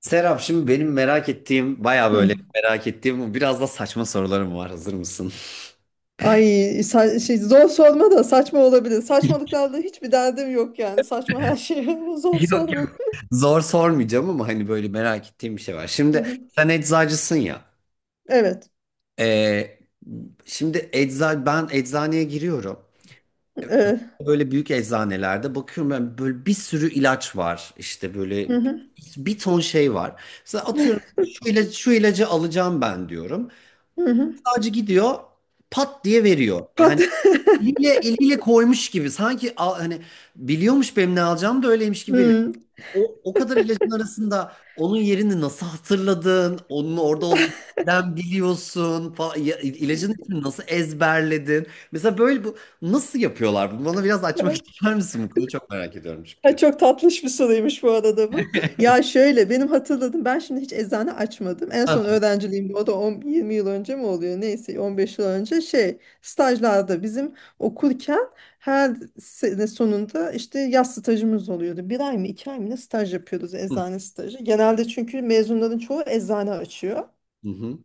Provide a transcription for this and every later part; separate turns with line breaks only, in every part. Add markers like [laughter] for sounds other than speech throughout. Serap şimdi benim merak ettiğim baya
Hı.
böyle merak ettiğim biraz da saçma sorularım var, hazır mısın?
Ay şey, zor sorma da saçma olabilir. Saçmalıklarla hiçbir derdim yok yani. Saçma her şey. [laughs] Zor sorma.
[laughs] Zor sormayacağım ama hani böyle merak ettiğim bir şey var.
Hı
Şimdi
hı.
sen eczacısın ya.
Evet.
Ee, şimdi ben eczaneye giriyorum. Ee,
Evet.
Böyle büyük eczanelerde bakıyorum, ben böyle bir sürü ilaç var. İşte böyle
Hı hı.
bir ton şey var. Mesela atıyorum,
[laughs]
şu ilacı, şu ilacı alacağım ben diyorum.
Hı hı.
Sadece gidiyor pat diye veriyor.
Kat.
Yani eliyle, eliyle koymuş gibi. Sanki hani biliyormuş benim ne alacağımı da öyleymiş gibi veriyor.
[laughs]
O kadar ilacın arasında onun yerini nasıl hatırladın? Onun orada olduğunu nereden biliyorsun falan. Ya, ilacın ismini nasıl ezberledin? Mesela böyle bu nasıl yapıyorlar? Bunu bana biraz açmak [laughs]
Hı.
ister misin? Bu konuyu çok merak ediyorum
Ha,
çünkü.
çok tatlış bir soruymuş bu arada bu. Ya şöyle benim hatırladım ben şimdi hiç eczane açmadım. En son öğrenciliğimde o da 10, 20 yıl önce mi oluyor neyse 15 yıl önce şey stajlarda bizim okurken her sene sonunda işte yaz stajımız oluyordu. Bir ay mı iki ay mı ne staj yapıyoruz eczane
[laughs]
stajı. Genelde çünkü mezunların çoğu eczane açıyor.
Hı hı.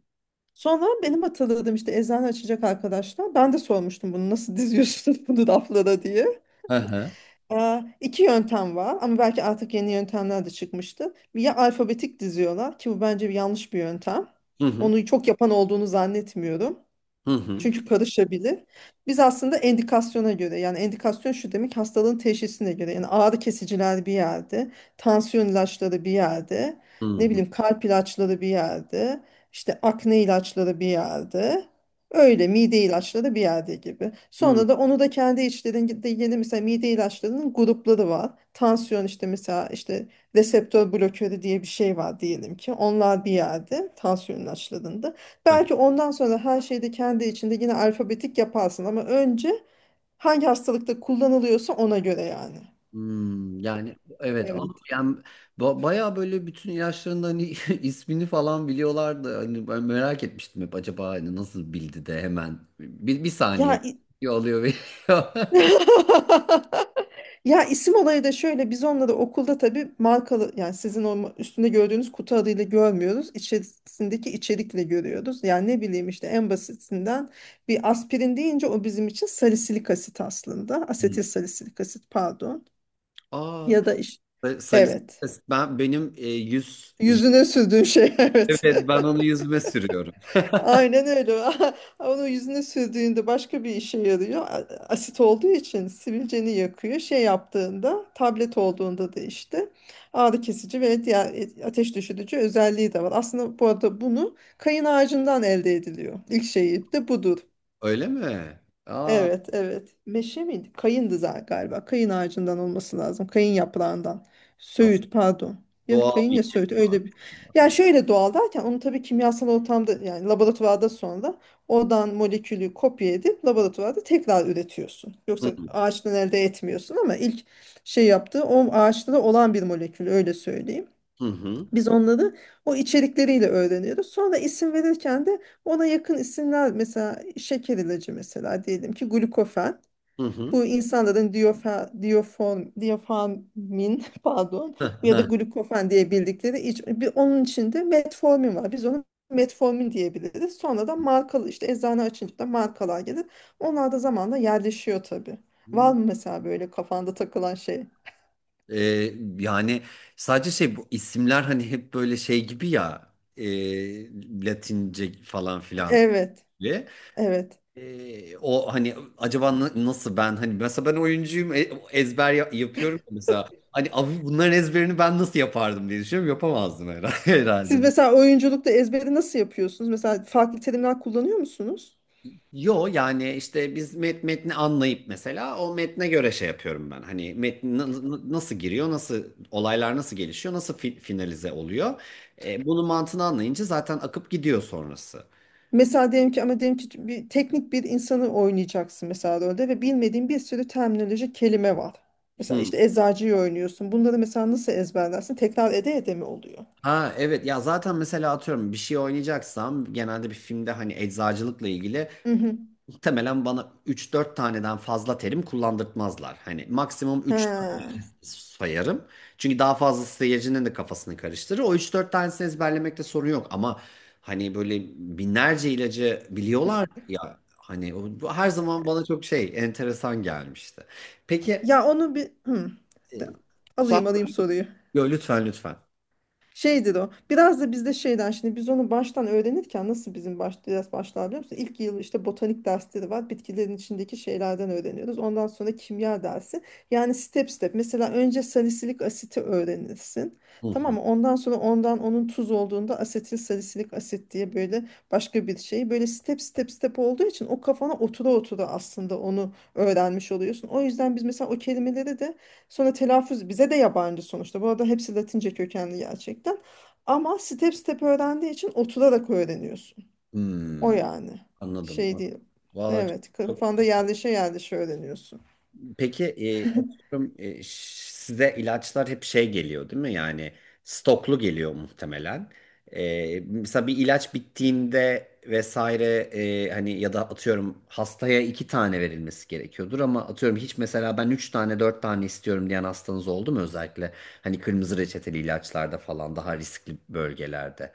Sonra benim hatırladığım işte eczane açacak arkadaşlar. Ben de sormuştum bunu nasıl diziyorsunuz [laughs] bunu raflara diye.
Hı hı.
İki yöntem var ama belki artık yeni yöntemler de çıkmıştı. Ya alfabetik diziyorlar ki bu bence bir yanlış bir yöntem.
Hı hı.
Onu çok yapan olduğunu zannetmiyorum.
Hı hı.
Çünkü karışabilir. Biz aslında endikasyona göre yani endikasyon şu demek hastalığın teşhisine göre yani ağrı kesiciler bir yerde, tansiyon ilaçları bir yerde,
Hı
ne
hı.
bileyim kalp ilaçları bir yerde, işte akne ilaçları bir yerde. Öyle mide ilaçları bir yerde gibi.
Hı
Sonra da onu da kendi içlerinde yeni mesela mide ilaçlarının grupları var. Tansiyon işte mesela işte reseptör blokörü diye bir şey var diyelim ki. Onlar bir yerde tansiyon ilaçlarında.
hı.
Belki ondan sonra her şeyi de kendi içinde yine alfabetik yaparsın ama önce hangi hastalıkta kullanılıyorsa ona göre yani.
Hmm, yani evet ama
Evet.
yani bayağı böyle bütün ilaçların da hani [laughs] ismini falan biliyorlardı. Hani ben merak etmiştim hep acaba hani nasıl bildi de hemen bir saniye
Ya i-
[laughs] diyor, alıyor veriyor. [laughs]
[laughs] Ya isim olayı da şöyle biz onları okulda tabii markalı yani sizin o üstünde gördüğünüz kutu adıyla görmüyoruz. İçerisindeki içerikle görüyoruz. Yani ne bileyim işte en basitinden bir aspirin deyince o bizim için salisilik asit aslında.
Hmm.
Asetil salisilik asit pardon.
Aa,
Ya da işte
salisi
evet.
ben benim yüz
Yüzüne sürdüğün şey [laughs] evet.
evet, ben onu yüzüme sürüyorum.
Aynen öyle. [laughs] Onu yüzüne sürdüğünde başka bir işe yarıyor. Asit olduğu için sivilceni yakıyor. Şey yaptığında, tablet olduğunda da işte ağrı kesici ve diğer ateş düşürücü özelliği de var. Aslında bu arada bunu kayın ağacından elde ediliyor. İlk şeyi de budur.
Öyle mi? Aa,
Evet, evet. Meşe miydi? Kayındı galiba. Kayın ağacından olması lazım. Kayın yaprağından.
aslında
Söğüt, pardon. Ya
doğal
kayın
bir.
ya söğüt öyle bir. Yani şöyle doğal derken onu tabii kimyasal ortamda yani laboratuvarda sonra oradan molekülü kopya edip laboratuvarda tekrar üretiyorsun.
Hı
Yoksa ağaçtan elde etmiyorsun ama ilk şey yaptığı o ağaçta da olan bir molekül öyle söyleyeyim.
hı
Biz onları o içerikleriyle öğreniyoruz. Sonra isim verirken de ona yakın isimler mesela şeker ilacı mesela diyelim ki glukofen.
hı hı.
Bu insanların diyofer, diyoform, diyoformin [laughs] pardon ya da
Hı.
glukofen diye bildikleri onun içinde metformin var. Biz onu metformin diyebiliriz. Sonra da markalı işte eczane açınca da markalar gelir. Onlar da zamanla yerleşiyor tabii. Var
Hı. [laughs]
mı mesela böyle kafanda takılan şey?
Yani sadece şey bu isimler hani hep böyle şey gibi ya Latince falan filan
Evet.
ve
Evet.
o hani acaba nasıl ben hani mesela ben oyuncuyum ezber yapıyorum ya, mesela hani abi bunların ezberini ben nasıl yapardım diye düşünüyorum, yapamazdım herhalde, [laughs]
Siz
herhalde.
mesela oyunculukta ezberi nasıl yapıyorsunuz? Mesela farklı terimler kullanıyor musunuz?
Yo yani işte biz metni anlayıp mesela o metne göre şey yapıyorum ben. Hani metni nasıl giriyor, nasıl olaylar nasıl gelişiyor, nasıl finalize oluyor. Bunun mantığını anlayınca zaten akıp gidiyor sonrası.
Mesela diyelim ki ama diyelim ki bir teknik bir insanı oynayacaksın mesela rolde ve bilmediğin bir sürü terminoloji kelime var. Mesela
Hı.
işte eczacıyı oynuyorsun. Bunları mesela nasıl ezberlersin? Tekrar ede ede mi oluyor?
Ha, evet, ya zaten mesela atıyorum bir şey oynayacaksam genelde bir filmde hani eczacılıkla ilgili
Hı hı.
muhtemelen bana üç dört taneden fazla terim kullandırtmazlar. Hani maksimum üç
Ha.
sayarım. Çünkü daha fazlası seyircinin de kafasını karıştırır. O üç dört tanesini ezberlemekte sorun yok ama hani böyle binlerce ilacı biliyorlar ya, hani o, bu her zaman bana çok şey enteresan gelmişti. Peki,
Ya onu bir hı. De-
e, Suat,
alayım alayım soruyu.
yo, lütfen lütfen.
Şeydir o. Biraz da bizde şeyden şimdi biz onu baştan öğrenirken nasıl bizim biraz başlar biliyor musun? İlk yıl işte botanik dersleri var. Bitkilerin içindeki şeylerden öğreniyoruz. Ondan sonra kimya dersi. Yani step step. Mesela önce salisilik asiti öğrenirsin.
Hı
Tamam
hı.
mı? Ondan sonra onun tuz olduğunda asetil salisilik asit diye böyle başka bir şey. Böyle step step step olduğu için o kafana otura otura aslında onu öğrenmiş oluyorsun. O yüzden biz mesela o kelimeleri de. Sonra telaffuz bize de yabancı sonuçta. Bu arada hepsi Latince kökenli gerçekten. Ama step step öğrendiği için oturarak öğreniyorsun. O
Hmm,
yani.
anladım.
Şey değil.
Vallahi
Evet,
çok...
kafanda yerleşe yerleşe öğreniyorsun.
Peki, atıyorum, size ilaçlar hep şey geliyor değil mi? Yani stoklu geliyor muhtemelen. Mesela bir ilaç bittiğinde vesaire hani ya da atıyorum hastaya iki tane verilmesi gerekiyordur ama atıyorum hiç mesela ben üç tane dört tane istiyorum diyen hastanız oldu mu, özellikle hani kırmızı reçeteli ilaçlarda falan daha riskli bölgelerde.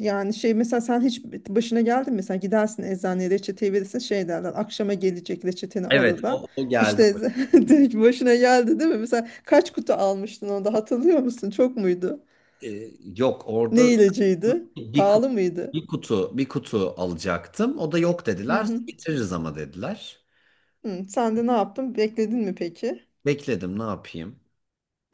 Yani şey mesela sen hiç başına geldi mi? Mesela gidersin eczaneye reçeteyi verirsin şey derler. Akşama gelecek reçeteni
Evet,
alırlar.
o geldi.
İşte [laughs] direkt başına geldi değil mi? Mesela kaç kutu almıştın onu da hatırlıyor musun? Çok muydu?
Ee, yok orada
Ne ilacıydı?
bir kutu,
Pahalı mıydı?
bir kutu alacaktım. O da yok
Hı
dediler.
hı.
Getiririz ama dediler.
Hı, sen de ne yaptın? Bekledin mi peki?
Bekledim, ne yapayım.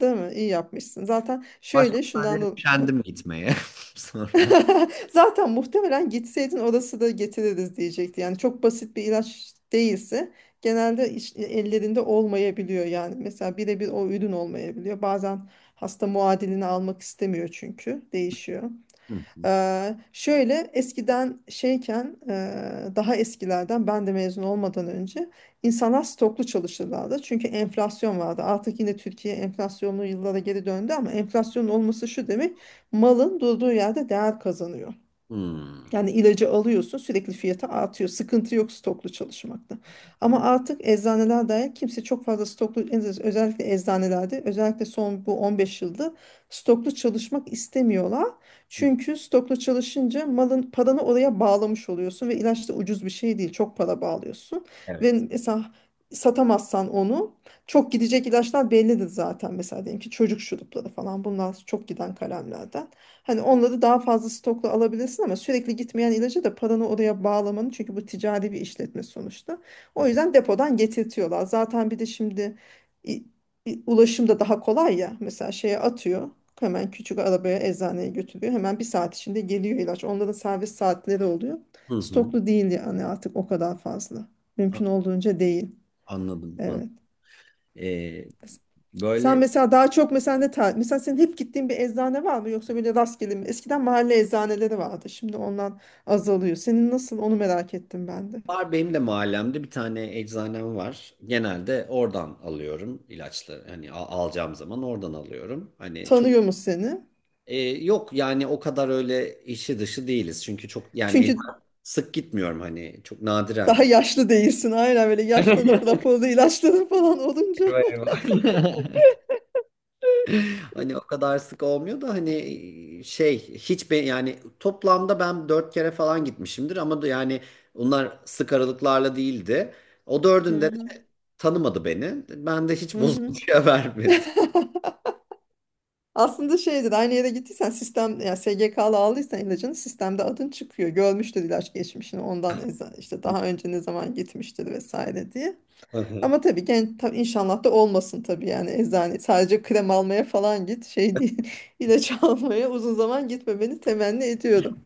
Değil mi? İyi yapmışsın. Zaten
Başka
şöyle şundan
sahneye
da.
kendim gitmeye [laughs] sonra.
[laughs] Zaten muhtemelen gitseydin orası da getiririz diyecekti. Yani çok basit bir ilaç değilse genelde ellerinde olmayabiliyor yani. Mesela birebir o ürün olmayabiliyor. Bazen hasta muadilini almak istemiyor çünkü değişiyor.
Hı hı.
Şöyle eskiden şeyken daha eskilerden ben de mezun olmadan önce insanlar stoklu çalışırlardı. Çünkü enflasyon vardı. Artık yine Türkiye enflasyonlu yıllara geri döndü ama enflasyonun olması şu demek malın durduğu yerde değer kazanıyor.
Hmm.
Yani ilacı alıyorsun sürekli fiyatı artıyor. Sıkıntı yok stoklu çalışmakta. Ama artık eczaneler dair kimse çok fazla stoklu özellikle eczanelerde özellikle son bu 15 yılda stoklu çalışmak istemiyorlar. Çünkü stoklu çalışınca malın paranı oraya bağlamış oluyorsun ve ilaç da ucuz bir şey değil. Çok para bağlıyorsun ve
Evet.
mesela satamazsan onu çok gidecek ilaçlar bellidir zaten. Mesela diyelim ki çocuk şurupları falan bunlar çok giden kalemlerden. Hani onları daha fazla stokla alabilirsin ama sürekli gitmeyen ilacı da paranı oraya bağlamanın çünkü bu ticari bir işletme sonuçta. O yüzden depodan getirtiyorlar. Zaten bir de şimdi i- ulaşım da daha kolay ya. Mesela şeye atıyor. Hemen küçük arabaya eczaneye götürüyor. Hemen bir saat içinde geliyor ilaç. Onların servis saatleri oluyor.
Hı hı.
Stoklu değil yani artık o kadar fazla.
A-
Mümkün olduğunca değil.
Anladım.
Evet.
Ee,
Sen
böyle
mesela daha çok mesela mesela senin hep gittiğin bir eczane var mı yoksa böyle rastgele mi? Eskiden mahalle eczaneleri vardı. Şimdi ondan azalıyor. Senin nasıl onu merak ettim ben de.
var benim de mahallemde bir tane eczanem var. Genelde oradan alıyorum ilaçları. Hani alacağım zaman oradan alıyorum. Hani çok...
Tanıyor mu seni?
Ee, yok yani o kadar öyle işi dışı değiliz. Çünkü çok yani
Çünkü
sık gitmiyorum hani çok
daha
nadiren.
yaşlı değilsin. Aynen böyle yaşlanıp
[laughs]
raporlu ilaçlanıp falan olunca.
Eyvah eyvah.
[laughs]
Hani o kadar sık olmuyor da hani şey hiç be, yani toplamda ben dört kere falan gitmişimdir ama da yani bunlar sık aralıklarla değildi. O
Hı
dördünde de
hı.
tanımadı beni. Ben de hiç
Hı hı.
bozuntuya [laughs] vermedi.
[laughs] Aslında şeydir aynı yere gittiysen sistem yani SGK'lı aldıysan ilacını sistemde adın çıkıyor. Görmüştür ilaç geçmişini ondan işte daha önce ne zaman gitmiştir vesaire diye. Ama tabii genç tabii inşallah da olmasın tabii yani eczane sadece krem almaya falan git şey değil [laughs] ilaç almaya uzun zaman gitmemeni temenni ediyorum.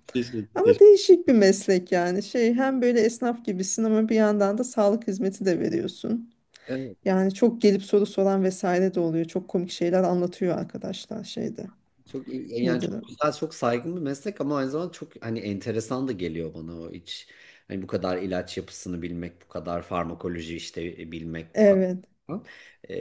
Ama
Teşekkür,
değişik bir meslek yani şey hem böyle esnaf gibisin ama bir yandan da sağlık hizmeti de veriyorsun.
teşekkür.
Yani çok gelip soru soran vesaire de oluyor. Çok komik şeyler anlatıyor arkadaşlar şeyde.
Çok yani
Nedir o?
çok güzel, çok saygın bir meslek ama aynı zamanda çok hani enteresan da geliyor bana o iç. Hani bu kadar ilaç yapısını bilmek, bu kadar farmakoloji işte bilmek, bu kadar.
Evet.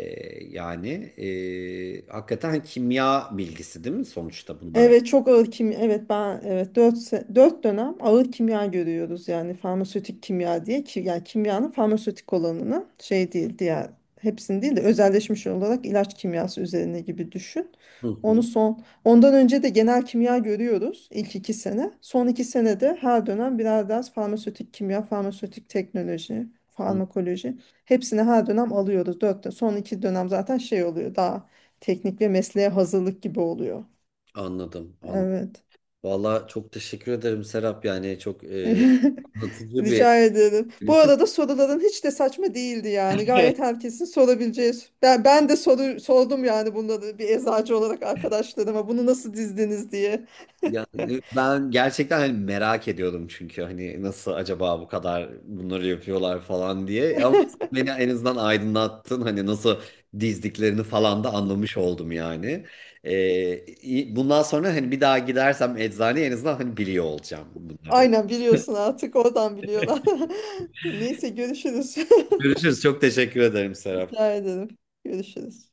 Yani hakikaten hani, kimya bilgisi değil mi sonuçta bunlar?
Evet çok ağır kimya. Evet ben evet 4 4 dönem ağır kimya görüyoruz yani farmasötik kimya diye ki yani kimyanın farmasötik olanını şey değil diğer hepsini değil de özelleşmiş olarak ilaç kimyası üzerine gibi düşün.
Hı
Onu
hı,
son ondan önce de genel kimya görüyoruz ilk iki sene. Son iki senede her dönem birer ders farmasötik kimya, farmasötik teknoloji,
hı.
farmakoloji hepsini her dönem alıyoruz. Son iki dönem zaten şey oluyor daha teknik ve mesleğe hazırlık gibi oluyor.
Anladım, anladım.
Evet.
Valla çok teşekkür ederim Serap yani çok
[laughs]
anlatıcı bir
Rica ederim. Bu
bütün.
arada soruların hiç de saçma değildi yani. Gayet herkesin sorabileceği. Ben de sordum yani bunları bir eczacı olarak arkadaşlarıma bunu nasıl dizdiniz diye.
Yani ben gerçekten hani merak ediyordum çünkü hani nasıl acaba bu kadar bunları yapıyorlar falan diye ama beni en azından aydınlattın hani nasıl dizdiklerini falan da anlamış oldum yani. Bundan sonra hani bir daha gidersem eczaneye en azından hani biliyor olacağım bunları.
Aynen biliyorsun artık oradan biliyorlar. [laughs] Neyse görüşürüz. [laughs]
Görüşürüz. Çok teşekkür ederim Serap.
Rica ederim. Görüşürüz.